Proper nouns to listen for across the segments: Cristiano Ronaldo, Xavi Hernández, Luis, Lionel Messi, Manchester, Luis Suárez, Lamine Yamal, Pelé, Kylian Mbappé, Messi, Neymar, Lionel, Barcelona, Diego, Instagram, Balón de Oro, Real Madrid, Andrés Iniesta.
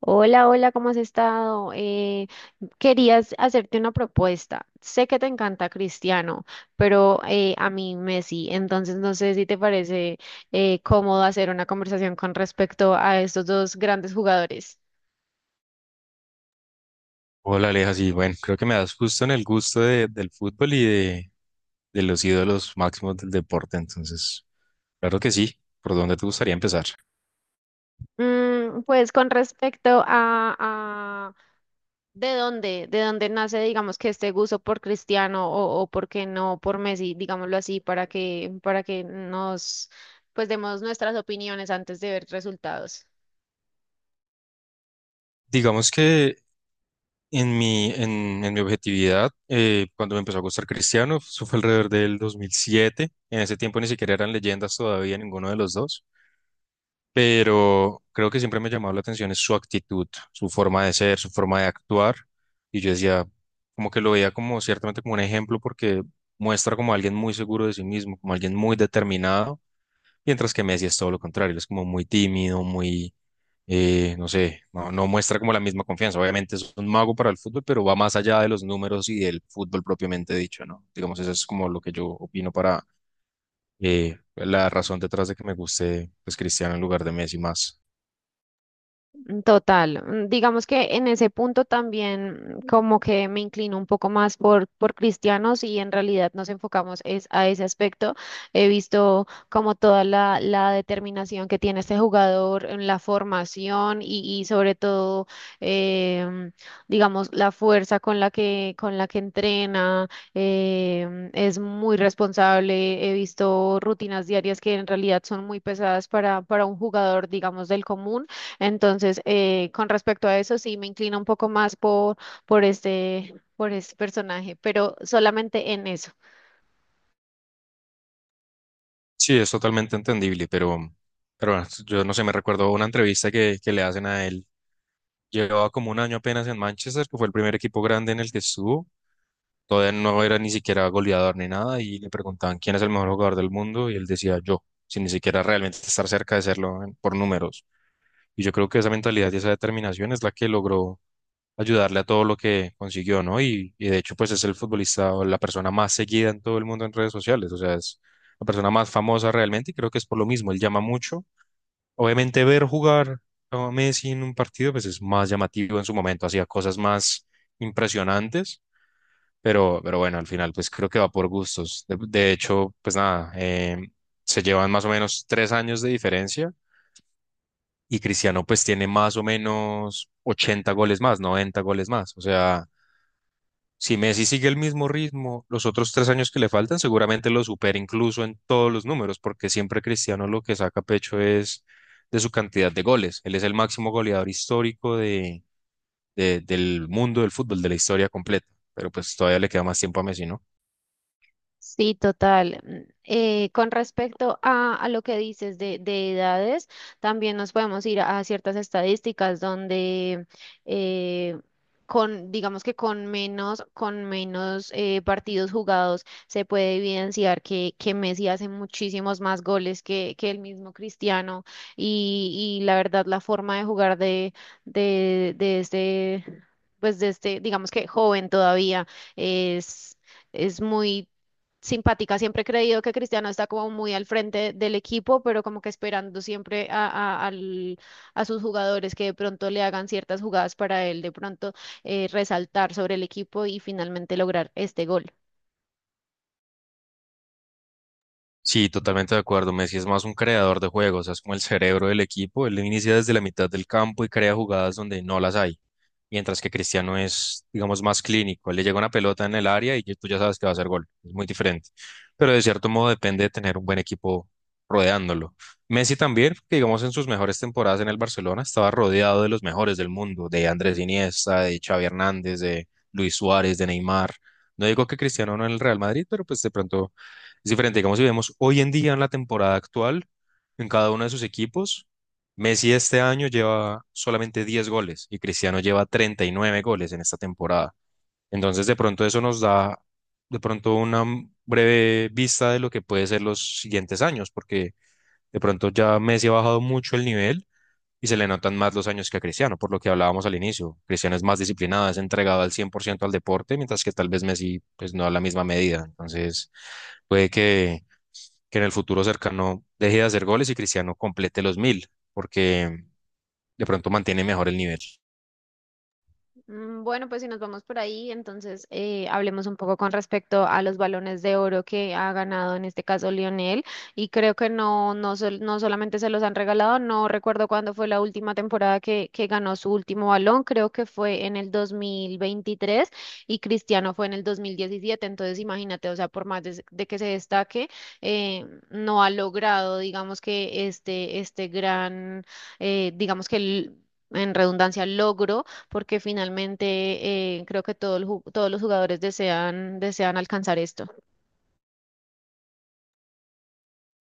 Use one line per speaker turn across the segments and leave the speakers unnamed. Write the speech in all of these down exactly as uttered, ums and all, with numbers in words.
Hola, hola, ¿cómo has estado? Eh, querías hacerte una propuesta. Sé que te encanta Cristiano, pero eh, a mí Messi, entonces no sé si te parece eh, cómodo hacer una conversación con respecto a estos dos grandes jugadores.
Hola Aleja, sí, bueno, creo que me das justo en el gusto de- del fútbol y de, de los ídolos máximos del deporte, entonces, claro que sí, ¿por dónde te gustaría empezar?
Mm, pues con respecto a, a de dónde, de dónde nace, digamos, que este gusto por Cristiano o, o por qué no por Messi, digámoslo así, para que, para que nos pues demos nuestras opiniones antes de ver resultados.
Digamos que en mi, en, en mi objetividad, eh, cuando me empezó a gustar Cristiano, eso fue alrededor del dos mil siete. En ese tiempo ni siquiera eran leyendas todavía ninguno de los dos, pero creo que siempre me ha llamado la atención es su actitud, su forma de ser, su forma de actuar. Y yo decía, como que lo veía como ciertamente como un ejemplo porque muestra como alguien muy seguro de sí mismo, como alguien muy determinado, mientras que Messi es todo lo contrario, él es como muy tímido, muy, eh, no sé, no, no muestra como la misma confianza. Obviamente es un mago para el fútbol, pero va más allá de los números y del fútbol propiamente dicho, ¿no? Digamos, eso es como lo que yo opino para... eh, la razón detrás de que me guste pues Cristiano en lugar de Messi más.
mm, Total, mm, digamos que en ese punto también mm, como que me inclino un poco más por, por cristianos y en realidad nos enfocamos es a ese aspecto. He visto como toda la, la determinación que tiene este jugador en la formación y, y sobre todo, em, digamos, la fuerza con la que, con la que entrena, em, es muy responsable. He visto rutinas diarias que en realidad son muy pesadas para, para un jugador, digamos, del común. Entonces, eh, con respecto a eso, sí me inclino un poco más por, por este, por este personaje, pero solamente en eso.
Sí, es totalmente entendible, pero, pero bueno, yo no sé, me recuerdo una entrevista que, que le hacen a él. Llevaba como un año apenas en Manchester, que fue el primer equipo grande en el que estuvo. Todavía no era ni siquiera goleador ni nada, y le preguntaban quién es el mejor jugador del mundo, y él decía yo, sin ni siquiera realmente estar cerca de serlo en- por números. Y yo creo que esa mentalidad y esa determinación es la que logró ayudarle a todo lo que consiguió, ¿no? Y, y de hecho, pues es el futbolista o la persona más seguida en todo el mundo en redes sociales, o sea, es la persona más famosa realmente y creo que es por lo mismo, él llama mucho. Obviamente ver jugar a Messi en un partido, pues es más llamativo en su momento, hacía cosas más impresionantes, pero, pero bueno, al final, pues creo que va por gustos. De, de hecho, pues nada, eh, se llevan más o menos tres años de diferencia. Y Cristiano pues tiene más o menos ochenta goles más, noventa goles más. O sea, si Messi sigue el mismo ritmo, los otros tres años que le faltan seguramente lo supera incluso en todos los números, porque siempre Cristiano lo que saca pecho es de su cantidad de goles. Él es el máximo goleador histórico de, de- del mundo del fútbol, de la historia completa, pero pues todavía le queda más tiempo a Messi, ¿no?
Sí, total. Mm, eh, con respecto a, a lo que dices de, de edades, también nos podemos ir a, a ciertas estadísticas donde eh, con, digamos que con menos, con menos eh, partidos jugados se puede evidenciar que, que Messi hace muchísimos más goles que, que el mismo Cristiano y, y la verdad la forma de jugar de, de, de este, pues de este, digamos que joven todavía es es muy simpática. Siempre he creído que Cristiano está como muy al frente del equipo, pero como que esperando siempre a, a- al- a sus jugadores que de pronto le hagan ciertas jugadas para él de pronto eh, resaltar sobre el equipo y finalmente lograr este gol.
Sí, totalmente de acuerdo. Messi es más un creador de juegos, es como el cerebro del equipo. Él inicia desde la mitad del campo y crea jugadas donde no las hay, mientras que Cristiano es, digamos, más clínico. Él le llega una pelota en el área y tú ya sabes que va a hacer gol. Es muy diferente. Pero de cierto modo depende de tener un buen equipo rodeándolo. Messi también, que digamos en sus mejores temporadas en el Barcelona, estaba rodeado de los mejores del mundo, de Andrés Iniesta, de Xavi Hernández, de Luis Suárez, de Neymar. No digo que Cristiano no en el Real Madrid, pero pues de pronto es diferente. Digamos, si vemos hoy en día en la temporada actual, en cada uno de sus equipos. Messi este año lleva solamente diez goles y Cristiano lleva treinta y nueve goles en esta temporada. Entonces, de pronto eso nos da de pronto una m- breve vista de lo que puede ser los siguientes años, porque de pronto ya Messi ha bajado mucho el nivel y se le notan más los años que a Cristiano, por lo que hablábamos al inicio. Cristiano es más disciplinado, es entregado al cien por ciento al deporte, mientras que tal vez Messi pues no a la misma medida. Entonces, puede que que en el futuro cercano deje de hacer goles y Cristiano complete los mil, porque de pronto mantiene mejor el nivel.
Mm, Bueno, pues si nos vamos por ahí, entonces eh, hablemos un poco con respecto a los balones de oro que ha ganado en este caso Lionel. Y creo que no, no, sol- no solamente se los han regalado, no recuerdo cuándo fue la última temporada que, que ganó su último balón, creo que fue en el dos mil veintitrés y Cristiano fue en el dos mil diecisiete. Entonces imagínate, o sea, por más de, de que se destaque, eh, no ha logrado, digamos que este, este gran, eh, digamos que... el- en redundancia, logro, porque finalmente eh, creo que todo el ju- todos los jugadores desean, desean alcanzar esto.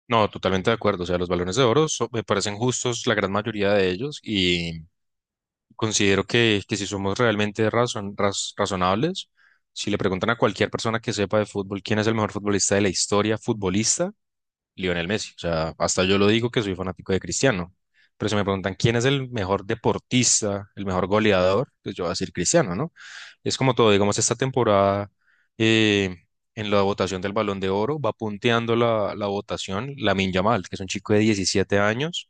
No, totalmente de acuerdo. O sea, los balones de oro so- me parecen justos la gran mayoría de ellos y considero que, que si somos realmente razon- raz- razonables, si le preguntan a cualquier persona que sepa de fútbol quién es el mejor futbolista de la historia futbolista, Lionel Messi. O sea, hasta yo lo digo que soy fanático de Cristiano. Pero si me preguntan quién es el mejor deportista, el mejor goleador, pues yo voy a decir Cristiano, ¿no? Es como todo, digamos, esta temporada eh, en la votación del Balón de Oro va punteando la, la votación Lamine Yamal, que es un chico de diecisiete años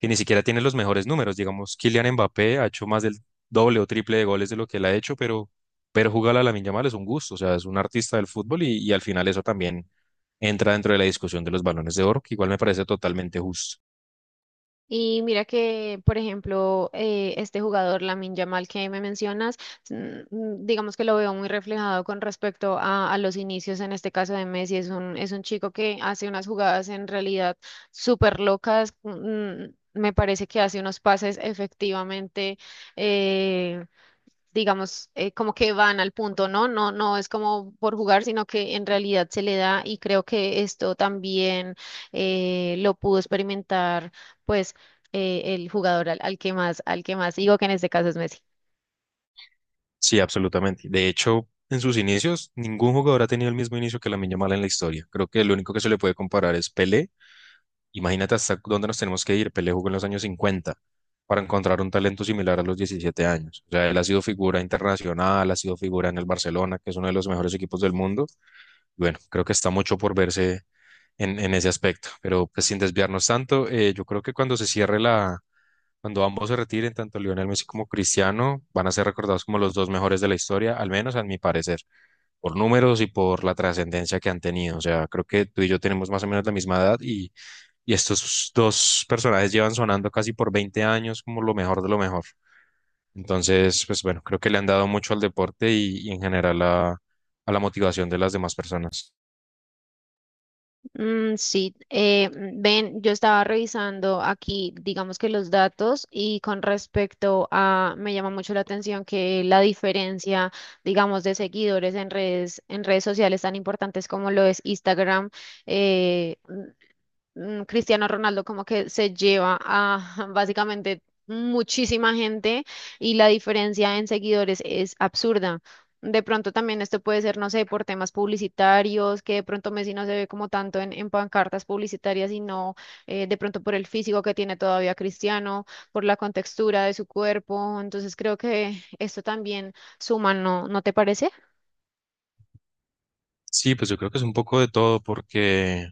que ni siquiera tiene los mejores números. Digamos, Kylian Mbappé ha hecho más del doble o triple de goles de lo que él ha hecho, pero, pero jugar a Lamine mal es un gusto, o sea, es un artista del fútbol y, y al final eso también entra dentro de la discusión de los balones de oro, que igual me parece totalmente justo.
Y mira que, por ejemplo, eh, este jugador, Lamine Yamal, que me mencionas, mm, mm, digamos que lo veo muy reflejado con respecto a, a los inicios, en este caso de Messi. Es un, es un chico que hace unas jugadas en realidad súper locas. mm, Me parece que hace unos pases efectivamente eh, digamos, eh, como que van al punto, ¿no? No, no es como por jugar, sino que en realidad se le da y creo que esto también eh, lo pudo experimentar, pues, eh, el jugador al, al que más, al que más digo que en este caso es Messi.
Sí, absolutamente. De hecho, en sus inicios, ningún jugador ha tenido el mismo inicio que Lamine mal en la historia. Creo que lo único que se le puede comparar es Pelé. Imagínate hasta dónde nos tenemos que ir. Pelé jugó en los años cincuenta para encontrar un talento similar a los diecisiete años. O sea, él ha sido figura internacional, ha sido figura en el Barcelona, que es uno de los mejores equipos del mundo. Bueno, creo que está mucho por verse en, en ese aspecto, pero pues sin desviarnos tanto, eh, yo creo que cuando se cierre la, cuando ambos se retiren, tanto Lionel Messi como Cristiano, van a ser recordados como los dos mejores de la historia, al menos a mi parecer, por números y por la trascendencia que han tenido. O sea, creo que tú y yo tenemos más o menos la misma edad y y estos dos personajes llevan sonando casi por veinte años como lo mejor de lo mejor. Entonces, pues bueno, creo que le han dado mucho al deporte y, y en general a, a la motivación de las demás personas.
Mm, sí, eh, mm, ven, yo estaba revisando aquí, digamos que los datos y con respecto a, me llama mucho la atención que la diferencia, digamos, de seguidores en redes, en redes sociales tan importantes como lo es Instagram, eh, mm, Cristiano Ronaldo como que se lleva a básicamente muchísima gente y la diferencia en seguidores es absurda. De pronto también esto puede ser, no sé, por temas publicitarios, que de pronto Messi no se ve como tanto en, en pancartas publicitarias, sino eh, de pronto por el físico que tiene todavía Cristiano, por la contextura de su cuerpo. Entonces creo que esto también suma, ¿no? ¿No te parece?
Sí, pues yo creo que es un poco de todo porque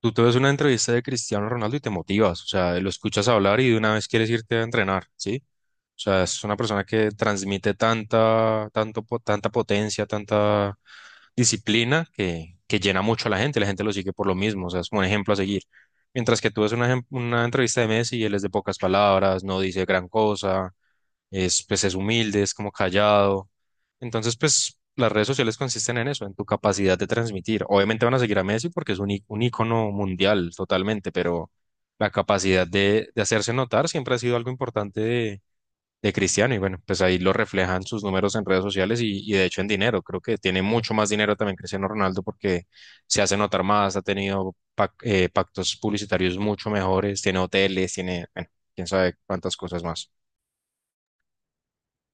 tú te ves una entrevista de Cristiano Ronaldo y te motivas, o sea, lo escuchas hablar y de una vez quieres irte a entrenar, ¿sí? O sea, es una persona que transmite tanta, tanto, po- tanta potencia, tanta disciplina que, que llena mucho a la gente, la gente lo sigue por lo mismo, o sea, es como un ejemplo a seguir. Mientras que tú ves una, ejem- una entrevista de Messi, él es de pocas palabras, no dice gran cosa, es, pues es humilde, es como callado. Entonces, pues las redes sociales consisten en eso, en tu capacidad de transmitir. Obviamente van a seguir a Messi porque es un, í- un ícono mundial totalmente, pero la capacidad de, de hacerse notar siempre ha sido algo importante de Cristiano y bueno, pues ahí lo reflejan sus números en redes sociales y, y de hecho en dinero. Creo que tiene mucho más dinero también Cristiano Ronaldo porque se hace notar más, ha tenido pac- eh, pactos publicitarios mucho mejores, tiene hoteles, tiene, bueno, quién sabe cuántas cosas más.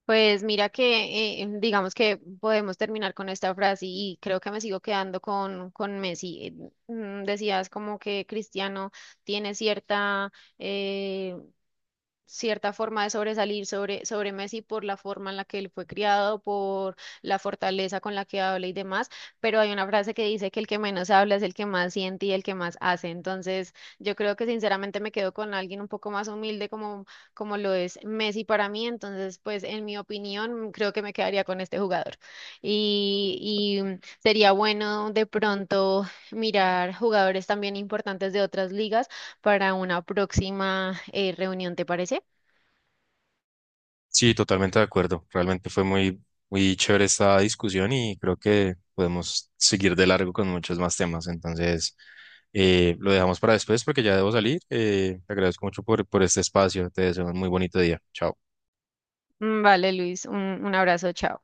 Pues mira que eh, digamos que podemos terminar con esta frase y creo que me sigo quedando con, con Messi. Eh, mm, Decías como que Cristiano tiene cierta eh, cierta forma de sobresalir sobre, sobre Messi por la forma en la que él fue criado, por la fortaleza con la que habla y demás, pero hay una frase que dice que el que menos habla es el que más siente y el que más hace. Entonces, yo creo que sinceramente me quedo con alguien un poco más humilde como, como lo es Messi para mí. Entonces, pues en mi opinión, creo que me quedaría con este jugador. Y, y sería bueno de pronto mirar jugadores también importantes de otras ligas para una próxima eh, reunión, ¿te parece?
Sí, totalmente de acuerdo. Realmente fue muy, muy chévere esta discusión y creo que podemos seguir de largo con muchos más temas. Entonces, eh, lo dejamos para después porque ya debo salir. Eh, te agradezco mucho por, por este espacio. Te deseo un muy bonito día. Chao.
Mm, Vale, Luis, un, un abrazo, chao.